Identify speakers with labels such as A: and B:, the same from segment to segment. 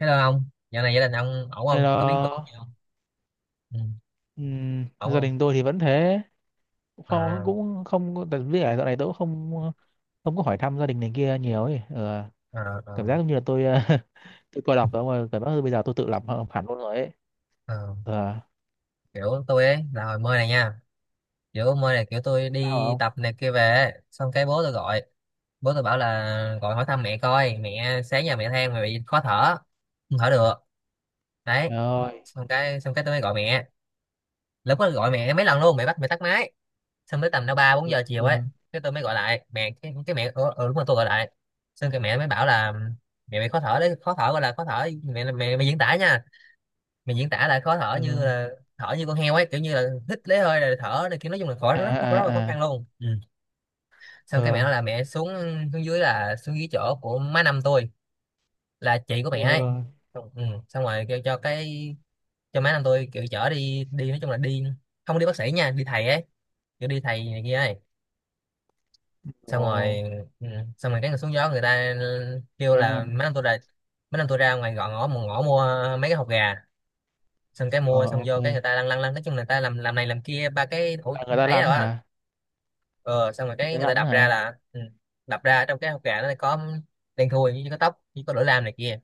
A: Hello ông, dạo này gia đình ông ổn
B: Nên
A: không?
B: là
A: Có biến cố gì không? Ừ, ổn
B: gia
A: không?
B: đình tôi thì vẫn thế không
A: À,
B: cũng không tại vì là dạo này tôi cũng không không có hỏi thăm gia đình này kia nhiều ấy. Ờ,
A: à,
B: cảm
A: à,
B: giác giống như là tôi tôi coi đọc đó mà cảm giác bây giờ tôi tự làm hẳn luôn rồi ấy.
A: à.
B: Ờ,
A: Kiểu tôi ấy là hồi mơ này nha. Kiểu mơ này kiểu tôi
B: sao
A: đi
B: không
A: tập này kia về ấy. Xong cái bố tôi gọi. Bố tôi bảo là gọi hỏi thăm mẹ coi. Mẹ sáng giờ mẹ than mẹ bị khó thở, không thở được. Đấy.
B: rồi.
A: Xong cái tôi mới gọi mẹ. Lúc đó gọi mẹ mấy lần luôn. Mẹ bắt mẹ tắt máy, xong tới tầm nó ba bốn
B: Ừ,
A: giờ chiều ấy,
B: ừ,
A: cái tôi mới gọi lại mẹ, cái mẹ ừ, đúng rồi tôi gọi lại. Xong cái mẹ mới bảo là mẹ bị khó thở, đấy khó thở, gọi là khó thở, mẹ mẹ mẹ diễn tả nha, mẹ diễn tả là khó thở như
B: ừ.
A: là thở như con heo ấy, kiểu như là hít lấy hơi rồi thở này, kiểu nói chung là khó,
B: À,
A: rất rất, rất là khó
B: à, à.
A: khăn luôn. Ừ. Xong
B: Ờ,
A: cái mẹ nói là mẹ xuống, xuống dưới là xuống dưới chỗ của má năm tôi, là chị của
B: ờ.
A: mẹ ấy.
B: Ờ.
A: Xong, ừ. Xong rồi kêu cho cái, cho má năm tôi kiểu chở đi, đi nói chung là đi, không đi bác sĩ nha, đi thầy ấy, kiểu đi thầy này kia ấy. Xong
B: Ồ.
A: rồi, ừ, xong rồi cái người xuống gió người ta kêu
B: Ba
A: là mấy
B: năm.
A: năm tôi ra, mấy năm tôi ra ngoài gọn ngõ một ngõ mua mấy cái hột gà. Xong cái
B: Ờ.
A: mua xong vô
B: Ok.
A: cái người ta lăn lăn lăn nói chung là người ta làm này làm kia ba cái ổ
B: Là người ta
A: ấy
B: lắn
A: rồi á.
B: hả?
A: Ờ, xong rồi
B: Người
A: cái
B: ta
A: người ta
B: lắn
A: đập ra
B: hả?
A: là, ừ, đập ra trong cái hột gà nó có đen thui với có tóc với có lửa lam này kia,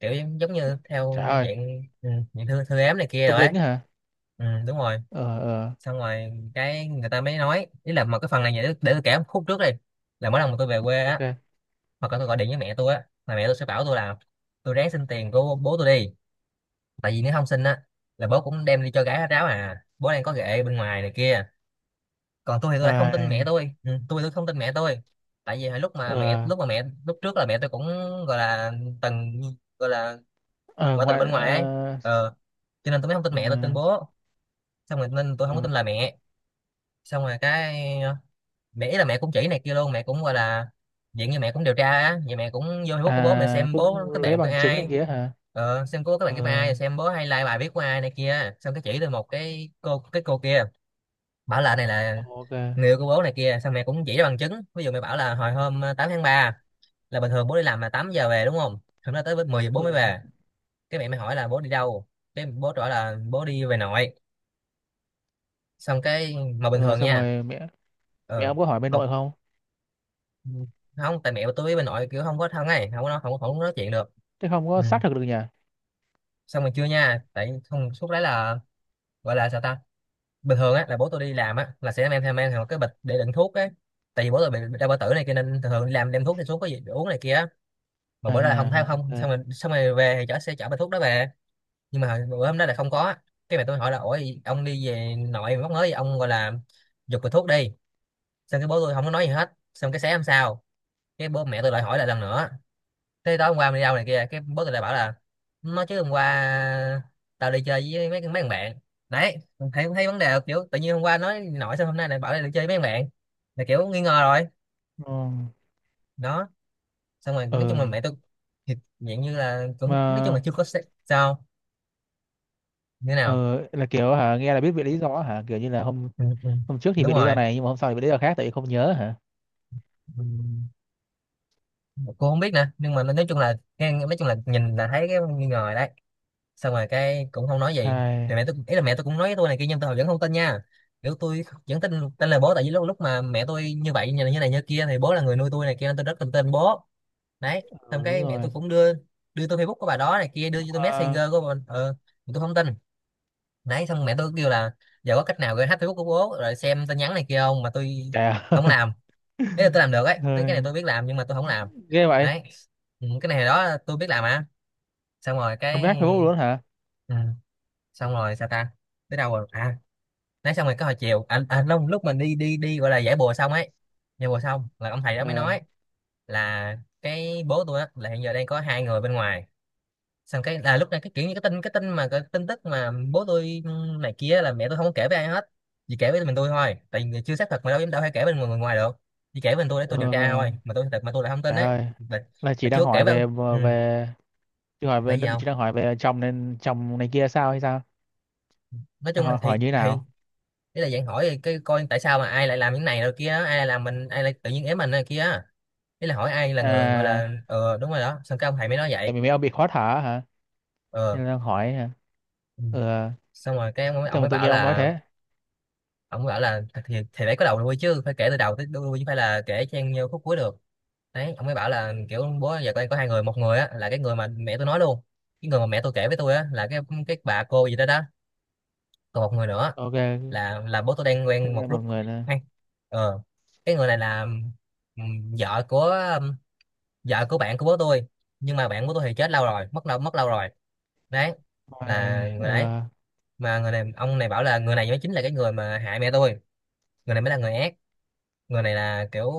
A: kiểu giống giống như theo
B: Trời ơi.
A: dạng, ừ, dạng thư thư ếm này kia
B: Tâm
A: rồi ấy.
B: lính hả?
A: Ừ, đúng rồi.
B: Ờ, ờ.
A: Xong rồi cái người ta mới nói ý là một cái phần này, để tôi kể một khúc trước đi. Là mỗi lần mà tôi về quê
B: Ok,
A: á,
B: ok.
A: hoặc là tôi gọi điện với mẹ tôi á, là mẹ tôi sẽ bảo tôi là tôi ráng xin tiền của bố tôi đi, tại vì nếu không xin á là bố cũng đem đi cho gái hết ráo à, bố đang có ghệ bên ngoài này kia. Còn tôi thì tôi lại không tin mẹ
B: Ai,
A: tôi, ừ, tôi không tin mẹ tôi, tại vì hồi lúc mà mẹ,
B: ờ.
A: lúc trước là mẹ tôi cũng gọi là từng gọi là
B: Ờ,
A: ngoại tình
B: ngoại.
A: bên ngoài ấy.
B: Ờ,
A: Ờ, cho nên tôi mới không tin
B: ờ,
A: mẹ tôi, tin bố. Xong rồi nên tôi không có
B: ờ.
A: tin là mẹ. Xong rồi cái mẹ ý là mẹ cũng chỉ này kia luôn, mẹ cũng gọi là diện như mẹ cũng điều tra á vậy, mẹ cũng vô Facebook của bố, mẹ
B: À,
A: xem bố
B: cũng
A: kết
B: lấy
A: bạn với
B: bằng chứng này
A: ai,
B: kia hả?
A: ờ, xem cô các bạn
B: Ờ.
A: với ai, xem bố hay like bài viết của ai này kia. Xong cái chỉ tôi một cái cô, cái cô kia, bảo là này là
B: Ok.
A: người yêu của bố này kia. Xong mẹ cũng chỉ ra bằng chứng, ví dụ mẹ bảo là hồi hôm 8 tháng ba, là bình thường bố đi làm là 8 giờ về đúng không, hôm đó tới với 10 giờ bố
B: Ờ,
A: mới về. Cái mẹ mới hỏi là bố đi đâu, cái bố trả là bố đi về nội. Xong cái, mà bình
B: ờ
A: thường
B: xong
A: nha,
B: rồi mẹ, mẹ
A: ờ,
B: ông có hỏi bên
A: mà,
B: nội không?
A: ừ, không tại mẹ tôi với bà nội kiểu không có thân ấy, không có nói- không không có nói chuyện được.
B: Thế không có
A: Ừ.
B: xác thực được nhỉ?
A: Xong rồi chưa nha, tại không suốt đấy là gọi là sao ta, bình thường á là bố tôi đi làm á là sẽ mang theo, một cái bịch để đựng thuốc á, tại vì bố tôi bị đau bao tử này kia nên thường thường đi làm đem thuốc đi xuống có gì để uống này kia á. Mà bữa đó là không thấy
B: À, ok.
A: không,
B: Ừ.
A: xong rồi về thì chở, sẽ chở bao thuốc đó về. Nhưng mà bữa hôm đó là không có á. Cái mẹ tôi hỏi là ủa, ông đi về nội mà móc mới ông, gọi là giục bịch thuốc đi. Xong cái bố tôi không có nói gì hết. Xong cái sáng hôm sau cái bố mẹ tôi lại hỏi lại lần nữa, thế tối hôm qua mình đi đâu này kia, cái boss lại bảo là nó chứ hôm qua tao đi chơi với mấy mấy thằng bạn. Đấy, thấy thấy vấn đề là kiểu tự nhiên hôm qua nói nổi sao hôm nay lại bảo là đi chơi với mấy thằng bạn, là kiểu nghi ngờ rồi.
B: Ờ,
A: Đó. Xong rồi
B: ờ,
A: nói chung là mẹ tôi thì dạng như là cũng nói chung là
B: mà
A: chưa có sao như thế nào.
B: ờ là kiểu hả, nghe là biết về lý do hả, kiểu như là hôm
A: Ừ
B: hôm trước thì
A: Đúng
B: về lý do
A: rồi.
B: này nhưng mà hôm sau thì về lý do khác tại vì không nhớ hả?
A: Ừ. Cô không biết nè, nhưng mà nói chung là nghe, nói chung là nhìn là thấy cái nghi ngờ rồi đấy. Xong rồi cái cũng không nói gì, thì
B: Ai,
A: mẹ tôi ý là mẹ tôi cũng nói với tôi này kia nhưng tôi vẫn không tin nha, kiểu tôi vẫn tin, tin lời bố, tại vì lúc lúc mà mẹ tôi như vậy, như này như này như kia, thì bố là người nuôi tôi này kia nên tôi rất tin tên bố. Đấy. Xong
B: ờ, đúng
A: cái mẹ
B: rồi.
A: tôi cũng đưa, đưa tôi Facebook của bà đó này kia, đưa cho tôi
B: À,
A: Messenger của bà, ờ, mà tôi không tin. Đấy. Xong mẹ tôi kêu là giờ có cách nào gửi hack Facebook của bố rồi xem tin nhắn này kia không, mà tôi
B: trời ơi.
A: không làm, thế là tôi làm được ấy, cái
B: Ờ,
A: cái này tôi biết làm nhưng mà tôi không làm.
B: ghê vậy.
A: Đấy. Ừ, cái này đó tôi biết làm à. Xong rồi
B: Hôm
A: cái,
B: nát Facebook luôn hả?
A: ừ, xong rồi sao ta, tới đâu rồi à, nói xong rồi cái hồi chiều anh, lúc lúc mình đi đi đi gọi là giải bùa xong ấy. Giải bùa xong là ông thầy đó mới
B: Ờ,
A: nói là cái bố tôi á là hiện giờ đang có hai người bên ngoài. Xong cái là lúc này cái kiểu như cái tin tức mà bố tôi này kia, là mẹ tôi không có kể với ai hết, chỉ kể với mình tôi thôi, tại vì chưa xác thực mà đâu dám, đâu hay kể bên người ngoài được, chỉ kể với mình tôi để
B: ờ,
A: tôi điều tra
B: ờ.
A: thôi, mà tôi thật mà tôi lại không tin.
B: Trời
A: Đấy.
B: ơi,
A: là,
B: là chị
A: là
B: đang
A: chưa kể
B: hỏi
A: với ông.
B: về
A: Ừ,
B: về chị hỏi về,
A: vậy gì không.
B: chồng nên chồng này kia sao hay sao?
A: Nói
B: Đang
A: chung là
B: hỏi,
A: thì
B: hỏi như thế
A: thì
B: nào?
A: ý là dạng hỏi cái coi tại sao mà ai lại làm những này rồi kia á, ai lại làm mình, ai lại tự nhiên ém mình này kia á. Ý là hỏi ai là người, gọi
B: À,
A: là, ờ đúng rồi đó, xong cái ông thầy mới nói
B: tại
A: vậy.
B: vì mấy ông bị khó thở hả?
A: Ờ.
B: Nên đang hỏi hả?
A: Ừ.
B: Ừ,
A: Xong rồi cái
B: thế
A: ông
B: mà
A: mới
B: tự
A: bảo
B: nhiên ông nói
A: là,
B: thế.
A: ông mới bảo là thì phải có đầu đuôi chứ, phải kể từ đầu tới đuôi chứ, phải là kể chen vô khúc cuối được. Đấy. Ông mới bảo là kiểu bố giờ con có hai người, một người á là cái người mà mẹ tôi nói luôn, cái người mà mẹ tôi kể với tôi á là cái bà cô gì đó đó, còn một người nữa
B: Ok, thế
A: là bố tôi đang quen
B: là
A: một
B: một
A: lúc
B: người là?
A: hay, ờ, cái người này là vợ của, ừm, vợ của bạn của bố tôi, nhưng mà bạn của tôi thì chết lâu rồi, mất lâu, rồi. Đấy, là
B: Ôi,
A: người đấy.
B: ừ,
A: Mà người này ông này bảo là người này mới chính là cái người mà hại mẹ tôi, người này mới là người ác, người này là kiểu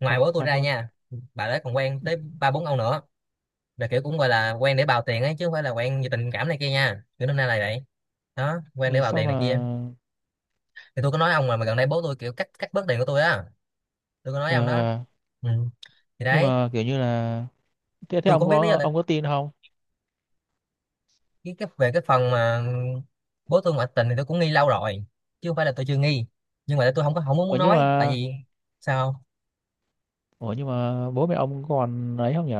A: ngoài
B: thật
A: bố tôi
B: thật
A: ra
B: luôn.
A: nha, bà đấy còn quen tới ba bốn ông nữa, là kiểu cũng gọi là quen để bào tiền ấy, chứ không phải là quen vì tình cảm này kia nha, kiểu năm nay là vậy đó, quen để
B: Ừ,
A: bào
B: sao
A: tiền này
B: mà
A: kia. Thì tôi có nói ông, mà gần đây bố tôi kiểu cắt cắt bớt tiền của tôi á, tôi có nói với ông
B: ờ,
A: đó.
B: ờ,
A: Ừ. Thì
B: nhưng
A: đấy,
B: mà kiểu như là thế, thế
A: tôi cũng
B: ông
A: không biết lý do
B: có,
A: tại
B: ông có tin không?
A: cái về cái phần mà bố tôi ngoại tình thì tôi cũng nghi lâu rồi, chứ không phải là tôi chưa nghi, nhưng mà tôi không có không muốn
B: Ủa nhưng
A: nói tại
B: mà,
A: vì sao.
B: bố mẹ ông còn ấy không nhỉ?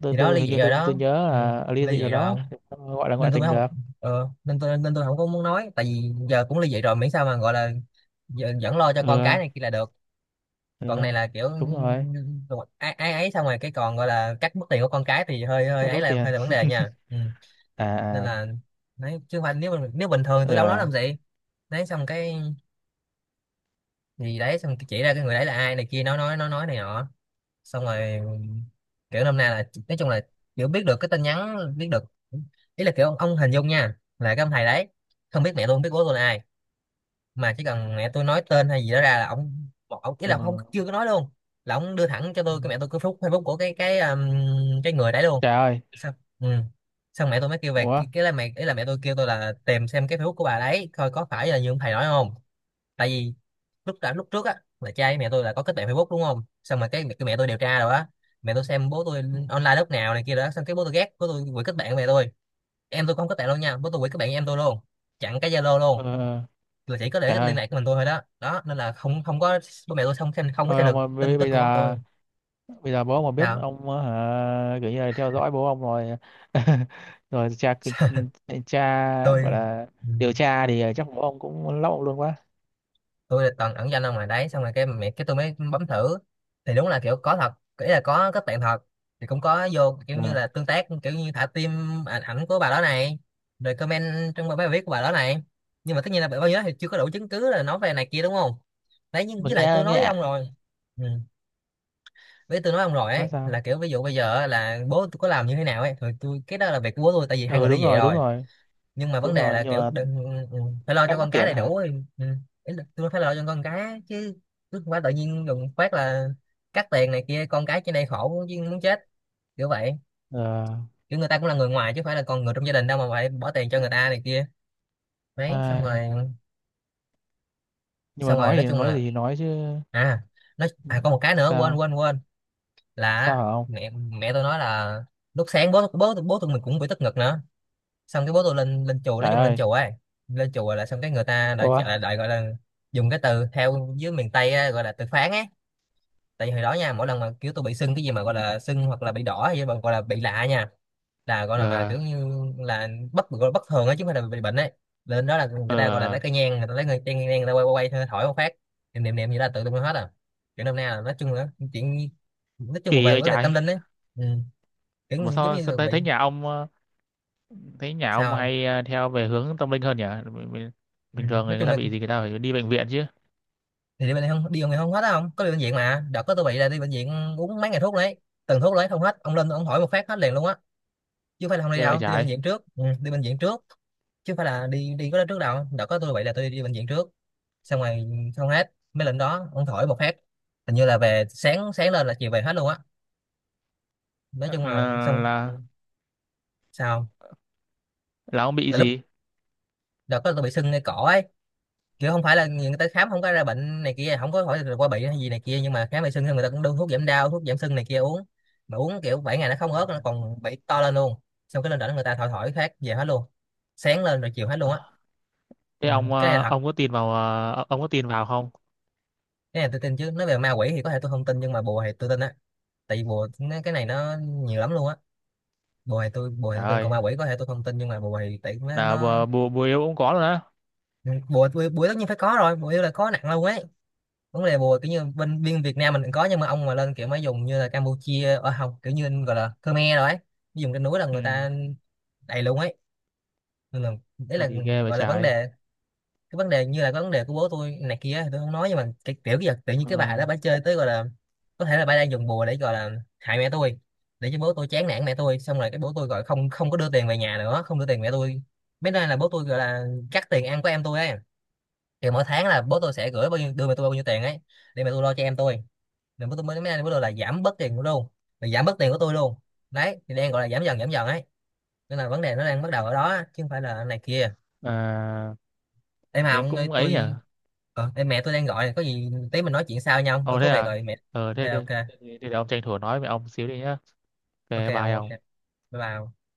B: Tôi
A: Thì đó
B: tôi
A: ly
B: hình
A: dị
B: như
A: rồi
B: tôi
A: đó.
B: nhớ
A: Ừ.
B: là ly
A: Ly
B: dị
A: dị
B: rồi
A: rồi
B: đó,
A: ông,
B: gọi là
A: nên
B: ngoại
A: tôi mới
B: tình
A: không.
B: được.
A: Nên tôi không có muốn nói tại vì giờ cũng ly dị rồi, miễn sao mà gọi là giờ vẫn lo cho
B: Ừ.
A: con cái này kia là được.
B: Ừ,
A: Còn này là kiểu
B: đúng rồi.
A: ai ai ấy xong rồi cái còn gọi là cắt mất tiền của con cái thì hơi hơi
B: Các
A: ấy,
B: bớt
A: là
B: tiền.
A: hơi là vấn đề nha. Ừ,
B: À,
A: nên
B: à.
A: là đấy, chứ không phải nếu bình thường thì
B: Ừ.
A: tôi đâu nói làm gì. Đấy xong cái gì đấy xong cái chỉ ra cái người đấy là ai này kia, nói này nọ xong rồi. Kiểu năm nay là nói chung là kiểu biết được cái tin nhắn, biết được, ý là kiểu ông hình dung nha là cái ông thầy đấy không biết mẹ tôi, không biết bố tôi là ai, mà chỉ cần mẹ tôi nói tên hay gì đó ra là ông một ông ý
B: Ừ,
A: là không chưa có nói luôn, là ông đưa thẳng cho
B: ừ.
A: tôi cái mẹ tôi cái phút Facebook của cái người đấy luôn.
B: Trời ơi.
A: Xong. Ừ. Xong mẹ tôi mới kêu về
B: Ủa.
A: cái là mẹ ý là mẹ tôi kêu tôi là tìm xem cái Facebook của bà đấy coi có phải là như ông thầy nói không. Tại vì lúc trước á, là cha với mẹ tôi là có kết bạn Facebook đúng không, xong mà cái mẹ tôi điều tra rồi á. Mẹ tôi xem bố tôi
B: Ừ.
A: online lúc nào này kia đó, xong cái bố tôi ghét, bố tôi quỷ kết bạn với mẹ tôi, em tôi cũng không kết bạn luôn nha, bố tôi quỷ kết bạn với em tôi luôn, chặn cái Zalo
B: Ừ.
A: luôn, là chỉ có để
B: Trời
A: cái liên
B: ơi,
A: lạc của mình tôi thôi đó đó. Nên là không không có bố mẹ tôi không xem, không có
B: thôi
A: xem
B: ông
A: được
B: ơi,
A: tin tức
B: bây
A: của bố
B: giờ,
A: tôi.
B: bây giờ bố ông mà biết
A: Nào.
B: ông hả, kiểu như là theo dõi bố ông rồi. Rồi cha, cha
A: Tôi.
B: gọi là
A: Ừ,
B: điều tra thì chắc bố ông cũng lóc ông luôn quá.
A: tôi là toàn ẩn danh ông ngoài đấy, xong rồi cái mẹ cái tôi mới bấm thử thì đúng là kiểu có thật, ý là có kết bạn thật, thì cũng có vô kiểu như
B: Ừ.
A: là tương tác, kiểu như thả tim ảnh ảnh của bà đó này, rồi comment trong bài viết của bà đó này. Nhưng mà tất nhiên là bao nhiêu đó thì chưa có đủ chứng cứ là nói về này kia đúng không. Đấy, nhưng
B: Mình
A: với lại tôi
B: nghe,
A: nói
B: nghe
A: với ông
B: ạ.
A: rồi. Ừ. Với tôi nói ông rồi ấy,
B: Nói sao.
A: là kiểu ví dụ bây giờ á, là bố tôi có làm như thế nào ấy thì tôi cái đó là việc của bố tôi, tại vì hai người
B: Ừ,
A: ly
B: đúng
A: dị
B: rồi, đúng
A: rồi.
B: rồi.
A: Nhưng mà vấn
B: Đúng
A: đề
B: rồi
A: là
B: nhưng
A: kiểu
B: mà
A: đừng, ừ, phải lo
B: cắt
A: cho con
B: mất
A: cái
B: tiền
A: đầy
B: đó
A: đủ
B: hả?
A: ấy. Ừ. Ý là tôi phải lo cho con cái chứ, không phải tự nhiên đùng phát là cắt tiền này kia, con cái trên đây khổ chứ muốn chết, kiểu vậy.
B: Ờ.
A: Kiểu người ta cũng là người ngoài chứ không phải là con người trong gia đình đâu mà phải bỏ tiền cho người ta này kia. Đấy xong
B: Ai.
A: rồi.
B: Nhưng mà
A: Xong rồi
B: nói
A: nói
B: thì
A: chung
B: nói
A: là,
B: gì thì nói chứ.
A: à, nói à có một cái nữa, quên
B: Sao.
A: quên quên, là
B: Sao hả ông?
A: mẹ mẹ tôi nói là lúc sáng bố bố bố tụi mình cũng bị tức ngực nữa, xong cái bố tôi lên lên chùa, nói
B: Trời
A: chung lên
B: ơi.
A: chùa ấy. Lên chùa là xong cái người ta lại
B: Ủa.
A: lại, lại gọi là dùng cái từ theo dưới miền Tây á, gọi là từ phán ấy. Tại vì hồi đó nha, mỗi lần mà kiểu tôi bị sưng cái gì mà gọi là sưng, hoặc là bị đỏ, hay gọi là bị lạ nha, là gọi là mà
B: Ờ,
A: kiểu như là gọi là bất thường ấy, chứ không phải là bị bệnh ấy. Lên đó là người
B: ờ.
A: ta gọi là lấy cây nhang, người ta lấy cây nhang người ta quay quay quay, thổi một phát, niệm niệm niệm gì là tự động hết à. Kiểu năm nay là nói chung là chuyện, nói chung là
B: Kỳ
A: về
B: vậy
A: vấn đề
B: trời.
A: tâm linh ấy. Ừ. Kiểu
B: Mà
A: như giống
B: sao,
A: như là
B: sao thấy,
A: bị.
B: thấy nhà ông thấy nhà
A: Sao
B: ông
A: không?
B: hay theo về hướng tâm linh hơn nhỉ? Bình,
A: Ừ,
B: thường
A: nói
B: người
A: chung
B: ta
A: là
B: bị gì người ta phải đi bệnh viện chứ.
A: thì đi bệnh, không đi không thì không hết á, không có đi bệnh viện, mà đợt có tôi bị là đi bệnh viện uống mấy ngày thuốc đấy, từng thuốc lấy không hết, ông lên ông hỏi một phát hết liền luôn á. Chứ không phải là không đi
B: Nghe vậy
A: đâu, tôi đi bệnh
B: trái.
A: viện trước, ừ, đi bệnh viện trước, chứ không phải là đi đi có đó trước đâu. Đã có tôi vậy là tôi đi bệnh viện trước, xong rồi không hết mấy lần đó ông thổi một phát, hình như là về sáng, sáng lên là chiều về hết luôn á. Nói
B: là,
A: chung là xong.
B: là
A: Sao?
B: là ông bị
A: Là lúc
B: gì?
A: đã có tôi bị sưng ngay cổ ấy, kiểu không phải là người ta khám không có ra bệnh này kia, không có hỏi là qua bị hay gì này kia, nhưng mà khám bị sưng thì người ta cũng đưa thuốc giảm đau, thuốc giảm sưng này kia uống, mà uống kiểu 7 ngày nó không ớt, nó còn bị to lên luôn. Xong cái lên đỉnh người ta thổi thổi phát về hết luôn, sáng lên rồi chiều hết luôn á.
B: Ờ, thế
A: Ừ.
B: ông
A: Cái này là thật.
B: ông có tin vào ông có tin vào không?
A: Cái này tôi tin chứ, nói về ma quỷ thì có thể tôi không tin, nhưng mà bùa thì tôi tin á. Tại vì bùa nó, cái này nó nhiều lắm luôn á. Bùa thì
B: Trời
A: tôi tin, còn
B: ơi.
A: ma quỷ có thể tôi không tin, nhưng mà bùa thì tại nó,
B: Là
A: nó
B: bùa, bùa bùa yêu cũng có rồi đó.
A: bùa bùa bùa tất nhiên phải có rồi, bùa là có nặng lâu ấy. Vấn đề bùa kiểu như bên biên Việt Nam mình cũng có, nhưng mà ông mà lên kiểu mới dùng như là Campuchia ở không, kiểu như gọi là Khmer rồi ấy, dùng trên núi là
B: Ừ.
A: người ta đầy luôn ấy. Nên là đấy là
B: Gì ghê vậy
A: gọi là vấn
B: trái.
A: đề, cái vấn đề như là cái vấn đề của bố tôi này kia thì tôi không nói, nhưng mà cái kiểu giờ tự nhiên
B: Ờ,
A: cái bà đó bà chơi tới gọi là có thể là bà đang dùng bùa để gọi là hại mẹ tôi, để cho bố tôi chán nản mẹ tôi, xong rồi cái bố tôi gọi không không có đưa tiền về nhà nữa, không đưa tiền mẹ tôi. Mấy nay là bố tôi gọi là cắt tiền ăn của em tôi ấy. Thì mỗi tháng là bố tôi sẽ gửi bao nhiêu, đưa mẹ tôi bao nhiêu tiền ấy, để mẹ tôi lo cho em tôi. Nên bố tôi mới mấy nay bố tôi là giảm bớt tiền của tôi luôn, là giảm bớt tiền của tôi luôn. Đấy thì đang gọi là giảm dần ấy, nên là vấn đề nó đang bắt đầu ở đó, chứ không phải là này kia.
B: à,
A: Em mà
B: thế
A: ông ơi,
B: cũng ấy nhỉ.
A: tôi. Ờ, em mẹ tôi đang gọi này, có gì tí mình nói chuyện sau nhau, tôi
B: Ồ thế
A: có việc
B: à?
A: rồi mẹ.
B: Ờ
A: Ok,
B: thế, thế, thế,
A: ok,
B: thế, thế để ông tranh thủ nói với ông xíu đi nhá.
A: ok
B: Cái
A: ông,
B: bài
A: ok.
B: ông.
A: Bye bye ông.